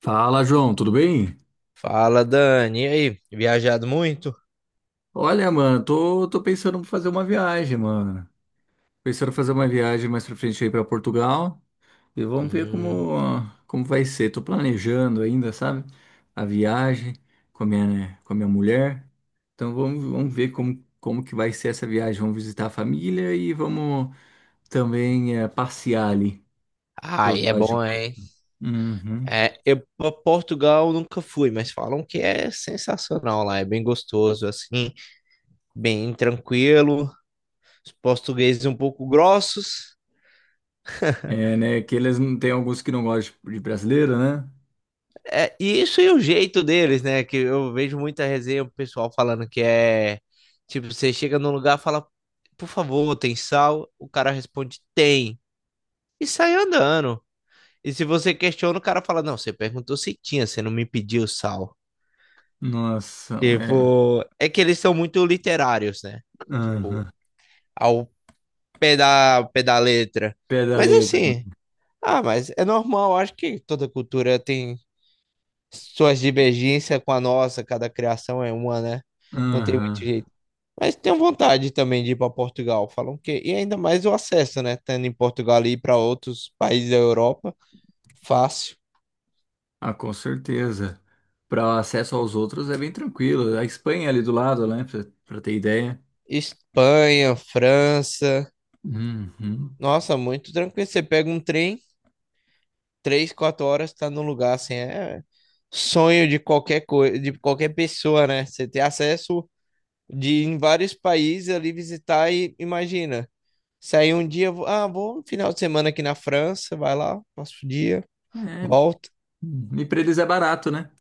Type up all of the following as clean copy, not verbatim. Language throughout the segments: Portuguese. Fala, João, tudo bem? Fala, Dani. E aí? Viajado muito? Olha, mano, tô pensando em fazer uma viagem, mano. Pensando em fazer uma viagem mais pra frente aí pra Portugal e vamos ver Hum. Como vai ser. Tô planejando ainda, sabe? A viagem com a minha, né, com a minha mulher. Então vamos ver como que vai ser essa viagem. Vamos visitar a família e vamos também passear ali pros Ai, é lados de bom, hein? Portugal. Uhum. É, eu pra Portugal nunca fui, mas falam que é sensacional lá, é bem gostoso, assim, bem tranquilo. Os portugueses um pouco grossos. É, né? Que eles não tem alguns que não gostam de brasileiro, né? É, e isso é o jeito deles, né? Que eu vejo muita resenha, o pessoal falando que é tipo, você chega num lugar, fala, por favor, tem sal? O cara responde, tem. E sai andando. E se você questiona, o cara fala: não, você perguntou se tinha, você não me pediu sal. Nossa, é. Tipo, é que eles são muito literários, né? Tipo, Aham. ao pé da letra. Pé da Mas letra. assim, ah, mas é normal, acho que toda cultura tem suas divergências com a nossa, cada criação é uma, né? Não tem Aham. muito jeito. Mas tenho vontade também de ir para Portugal. Falam que. E ainda mais o acesso, né? Tendo em Portugal e ir para outros países da Europa, fácil. Ah, com certeza. Para acesso aos outros é bem tranquilo. A Espanha é ali do lado, né? Para ter ideia. Espanha, França. Uhum. Nossa, muito tranquilo. Você pega um trem, 3, 4 horas, tá no lugar, assim, é sonho de qualquer coisa, de qualquer pessoa, né? Você ter acesso de ir em vários países ali visitar e imagina. Sair um dia, vou um final de semana aqui na França, vai lá, passo o dia, É. volta. Uhum. E para eles é barato, né?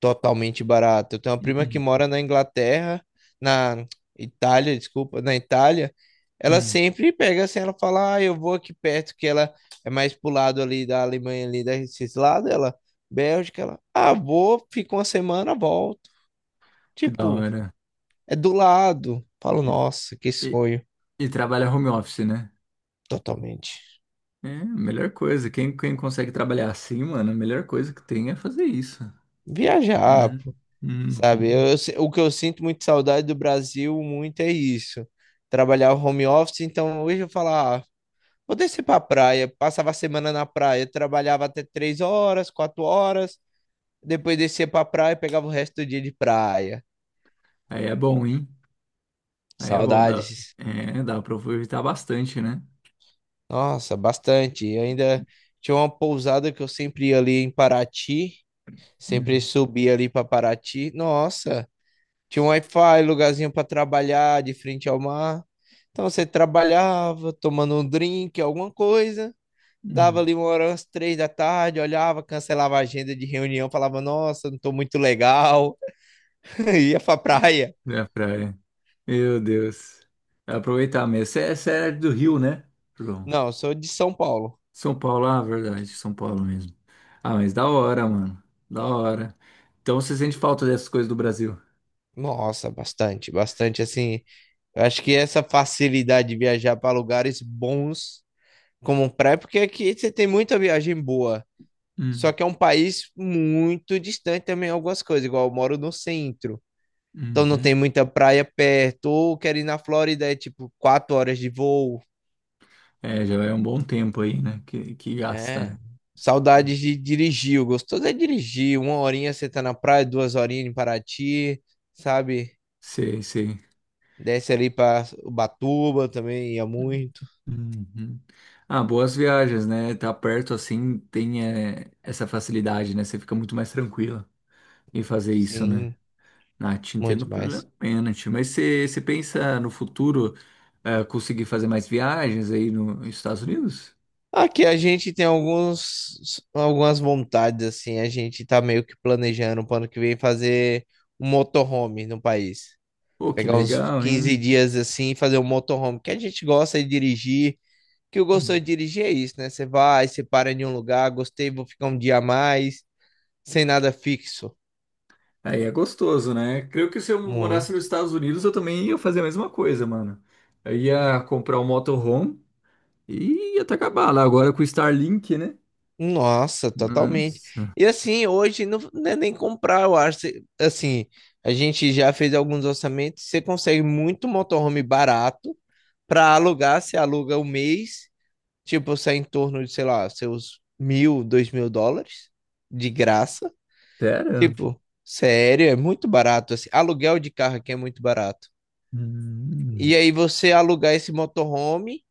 Totalmente barato. Eu tenho uma prima que Uhum. mora na Inglaterra, na Itália, desculpa, na Itália. Ela Uhum. sempre pega assim, ela fala, ah, eu vou aqui perto, que ela é mais pro lado ali da Alemanha, ali desses lados, ela, Bélgica, ela, ah, vou, fico uma semana, volto. Que da Tipo, hora. é do lado. Falo, E, nossa, que e- sonho, e trabalha home office, né? totalmente. É, a melhor coisa. Quem consegue trabalhar assim, mano, a melhor coisa que tem é fazer isso, né? Viajar, pô, sabe? Uhum. Eu se- o que eu sinto muito saudade do Brasil, muito é isso. Trabalhar home office, então hoje eu falo, ah, vou descer pra praia, passava a semana na praia, trabalhava até três horas, quatro horas, depois descia pra praia, e pegava o resto do dia de praia. Aí é bom, hein? Aí é bom. Saudades. É, dá para aproveitar bastante, né? Nossa, bastante. Eu ainda tinha uma pousada que eu sempre ia ali em Paraty, sempre Uhum. subia ali pra Paraty. Nossa, tinha um Wi-Fi, lugarzinho pra trabalhar de frente ao mar. Então você trabalhava, tomando um drink, alguma coisa. Dava Uhum. ali uma hora, umas 3 da tarde, olhava, cancelava a agenda de reunião, falava, nossa, não tô muito legal, ia pra praia. É. Meu Deus. Aproveitar mesmo. Você é do Rio, né, João? Não, eu sou de São Paulo. São Paulo, ah, verdade, São Paulo mesmo. Ah, mas da hora, mano. Da hora. Então você sente falta dessas coisas do Brasil? Nossa, bastante, bastante, assim, eu acho que essa facilidade de viajar para lugares bons como praia, porque aqui você tem muita viagem boa, só Hum, que é um país muito distante também algumas coisas, igual eu moro no centro, então não uhum. tem muita praia perto, ou quero ir na Flórida, é tipo 4 horas de voo, É, já é um bom tempo aí, né? Que gasta, é. né? Saudades de dirigir. O gostoso é dirigir. Uma horinha você tá na praia, duas horinhas em Paraty, sabe? Sei, sei. Desce ali pra Ubatuba também, ia muito. Uhum. Ah, boas viagens, né? Tá perto assim, essa facilidade, né? Você fica muito mais tranquila em fazer isso, né? Sim, Ah, te entendo muito mais. plenamente, mas você pensa no futuro conseguir fazer mais viagens aí no- nos Estados Unidos? Aqui a gente tem alguns, algumas vontades, assim. A gente tá meio que planejando pro ano que vem fazer um motorhome no país. Pô, que Pegar uns legal, hein? 15 dias assim e fazer um motorhome, que a gente gosta de dirigir. Que eu gosto de Hum. dirigir é isso, né? Você vai, você para em um lugar, gostei, vou ficar um dia a mais, sem nada fixo. Aí é gostoso, né? Creio que se eu morasse Muito. nos Estados Unidos, eu também ia fazer a mesma coisa, mano. Eu ia comprar um motorhome e ia até acabar lá agora com o Starlink, né? Nossa, totalmente. Nossa, E assim, hoje não, não é nem comprar, eu acho. Assim, a gente já fez alguns orçamentos, você consegue muito motorhome barato para alugar, você aluga o mês, tipo, sai em torno de, sei lá, seus 1.000, 2.000 dólares de graça. sério? Tipo, sério, é muito barato. Assim, aluguel de carro aqui é muito barato. Hum, E aí você alugar esse motorhome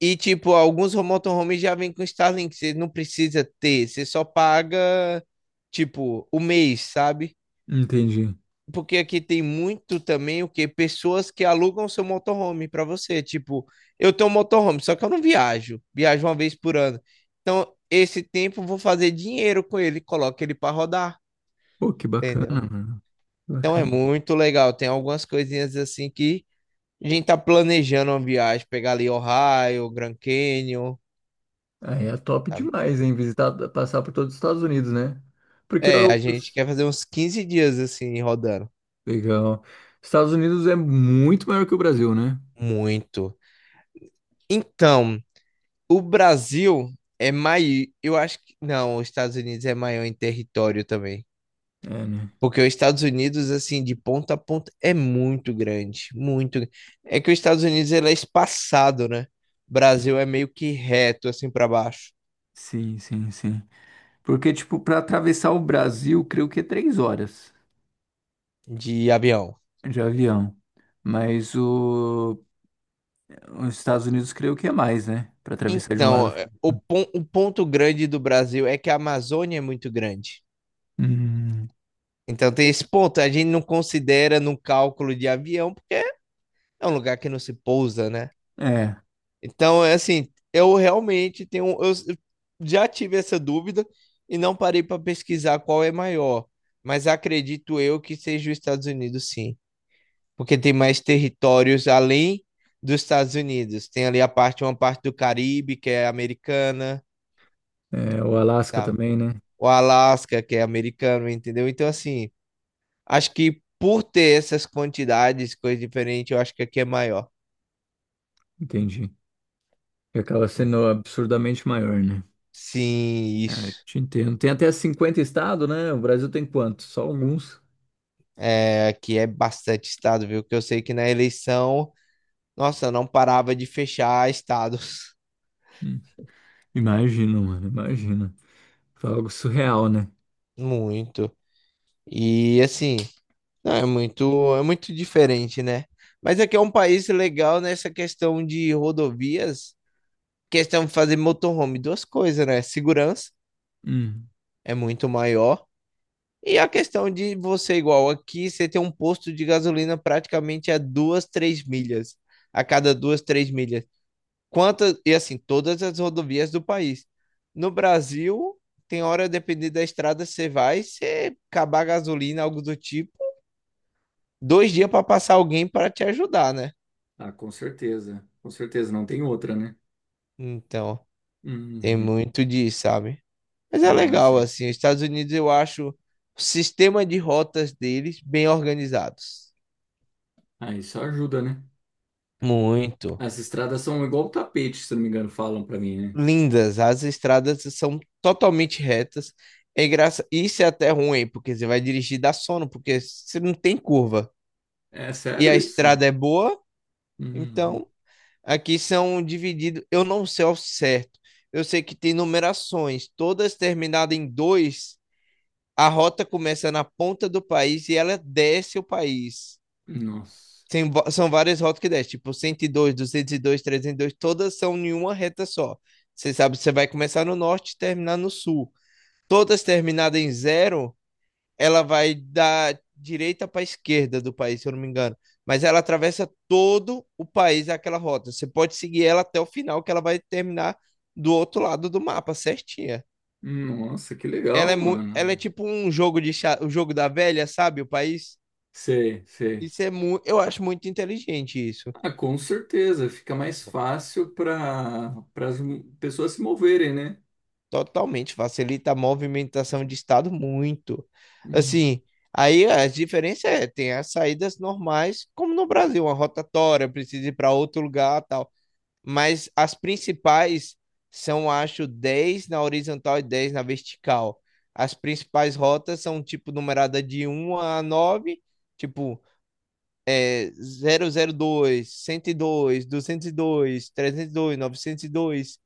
e tipo, alguns motorhomes já vêm com Starlink, você não precisa ter, você só paga tipo o mês, sabe? entendi. Porque aqui tem muito também o que pessoas que alugam seu motorhome para você, tipo, eu tenho um motorhome, só que eu não viajo, viajo uma vez por ano. Então, esse tempo eu vou fazer dinheiro com ele, coloco ele para rodar, Pô, que bacana, entendeu? mano. Que Então é bacana. muito legal, tem algumas coisinhas assim que a gente tá planejando uma viagem, pegar ali Ohio, Grand Canyon. Aí é top Sabe? demais, hein? Visitar, passar por todos os Estados Unidos, né? Porque É, a eu... gente quer fazer uns 15 dias assim, rodando. Legal. Estados Unidos é muito maior que o Brasil, né? Muito. Então, o Brasil é maior. Eu acho que. Não, os Estados Unidos é maior em território também. É, né? Porque os Estados Unidos, assim, de ponta a ponta, é muito grande. Muito. É que os Estados Unidos ele é espaçado, né? O Brasil é meio que reto, assim, para baixo, Sim, sim, sim. Porque, tipo, para atravessar o Brasil, creio que é 3 horas de avião. de avião. Mas o... os Estados Unidos, creio que é mais, né? Para atravessar de um Então, lado. é, o ponto grande do Brasil é que a Amazônia é muito grande. Hum, Então tem esse ponto, a gente não considera no cálculo de avião, porque é um lugar que não se pousa, né? é. Então, é assim, eu realmente tenho, eu já tive essa dúvida e não parei para pesquisar qual é maior, mas acredito eu que seja os Estados Unidos, sim, porque tem mais territórios além dos Estados Unidos. Tem ali a parte, uma parte do Caribe, que é americana, É, o Alasca tá? também, né? O Alaska, que é americano, entendeu? Então, assim, acho que por ter essas quantidades, coisas diferentes, eu acho que aqui é maior. Entendi. Que acaba Hum. sendo absurdamente maior, né? Sim, É, eu isso. te entendo. Tem até 50 estados, né? O Brasil tem quantos? Só alguns. É, aqui é bastante estado, viu? Que eu sei que na eleição, nossa, não parava de fechar estados. Hum. Imagina, mano, imagina. Foi algo surreal, né? Muito. E assim, não, é muito diferente, né? Mas aqui é um país legal nessa questão de rodovias, questão de fazer motorhome, duas coisas, né? Segurança Hum. é muito maior. E a questão de você, igual aqui, você tem um posto de gasolina praticamente a 2, 3 milhas. A cada 2, 3 milhas. Quantas, e assim, todas as rodovias do país. No Brasil, tem hora, dependendo da estrada, você vai, você acabar a gasolina, algo do tipo, 2 dias para passar alguém para te ajudar, né? Ah, com certeza. Com certeza, não tem outra, né? Então, tem Uhum. muito disso, sabe? Mas é Ah, legal, sim. assim, os Estados Unidos, eu acho o sistema de rotas deles bem organizados. Ah, isso ajuda, né? Muito. As estradas são igual tapete, se não me engano, falam pra mim, né? Lindas, as estradas são totalmente retas. É graça. Isso é até ruim, porque você vai dirigir dá sono, porque você não tem curva. É E sério a isso? estrada é boa, Uhum. então aqui são divididos. Eu não sei ao certo. Eu sei que tem numerações, todas terminadas em dois. A rota começa na ponta do país e ela desce o país. Nossa. Tem são várias rotas que desce, tipo cento e dois, duzentos e dois, 302, todas são em uma reta só. Você sabe, você vai começar no norte e terminar no sul. Todas terminadas em zero, ela vai da direita para a esquerda do país, se eu não me engano. Mas ela atravessa todo o país, aquela rota. Você pode seguir ela até o final, que ela vai terminar do outro lado do mapa, certinha. Nossa, que Ela legal, é mano. tipo um jogo de xadrez, o jogo da velha, sabe? O país. Sei, sei. Isso é muito. Eu acho muito inteligente isso. Ah, com certeza, fica mais fácil para as pessoas se moverem, né? Totalmente, facilita a movimentação de estado muito. Hum. Assim, aí as diferenças é, tem as saídas normais, como no Brasil, uma rotatória, precisa ir para outro lugar, tal. Mas as principais são, acho, 10 na horizontal e 10 na vertical. As principais rotas são, tipo, numerada de 1 a 9, tipo, é, 002, 102, 202, trezentos e dois, 902.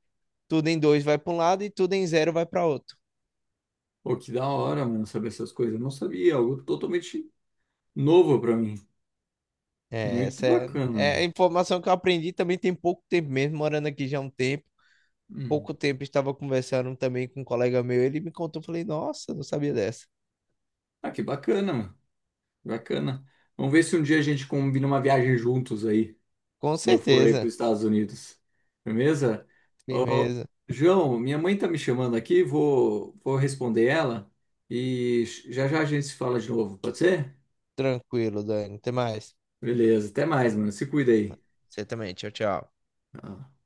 Tudo em 2 vai para um lado e tudo em zero vai para outro. Pô, que da hora, mano, saber essas coisas. Eu não sabia, algo totalmente novo pra mim. É, Muito essa é, bacana, é a mano. informação que eu aprendi também tem pouco tempo mesmo, morando aqui já há um tempo. Hum. Pouco tempo estava conversando também com um colega meu, ele me contou, falei, nossa, não sabia dessa. Ah, que bacana, mano. Bacana. Vamos ver se um dia a gente combina uma viagem juntos aí, Com quando eu for aí certeza, pros Estados Unidos. Beleza? Ô, firmeza, João, minha mãe tá me chamando aqui, vou responder ela e já já a gente se fala de novo, pode ser? tranquilo, Dani, até mais. Beleza, até mais, mano. Se cuida aí. Você também, tchau, tchau. Tá.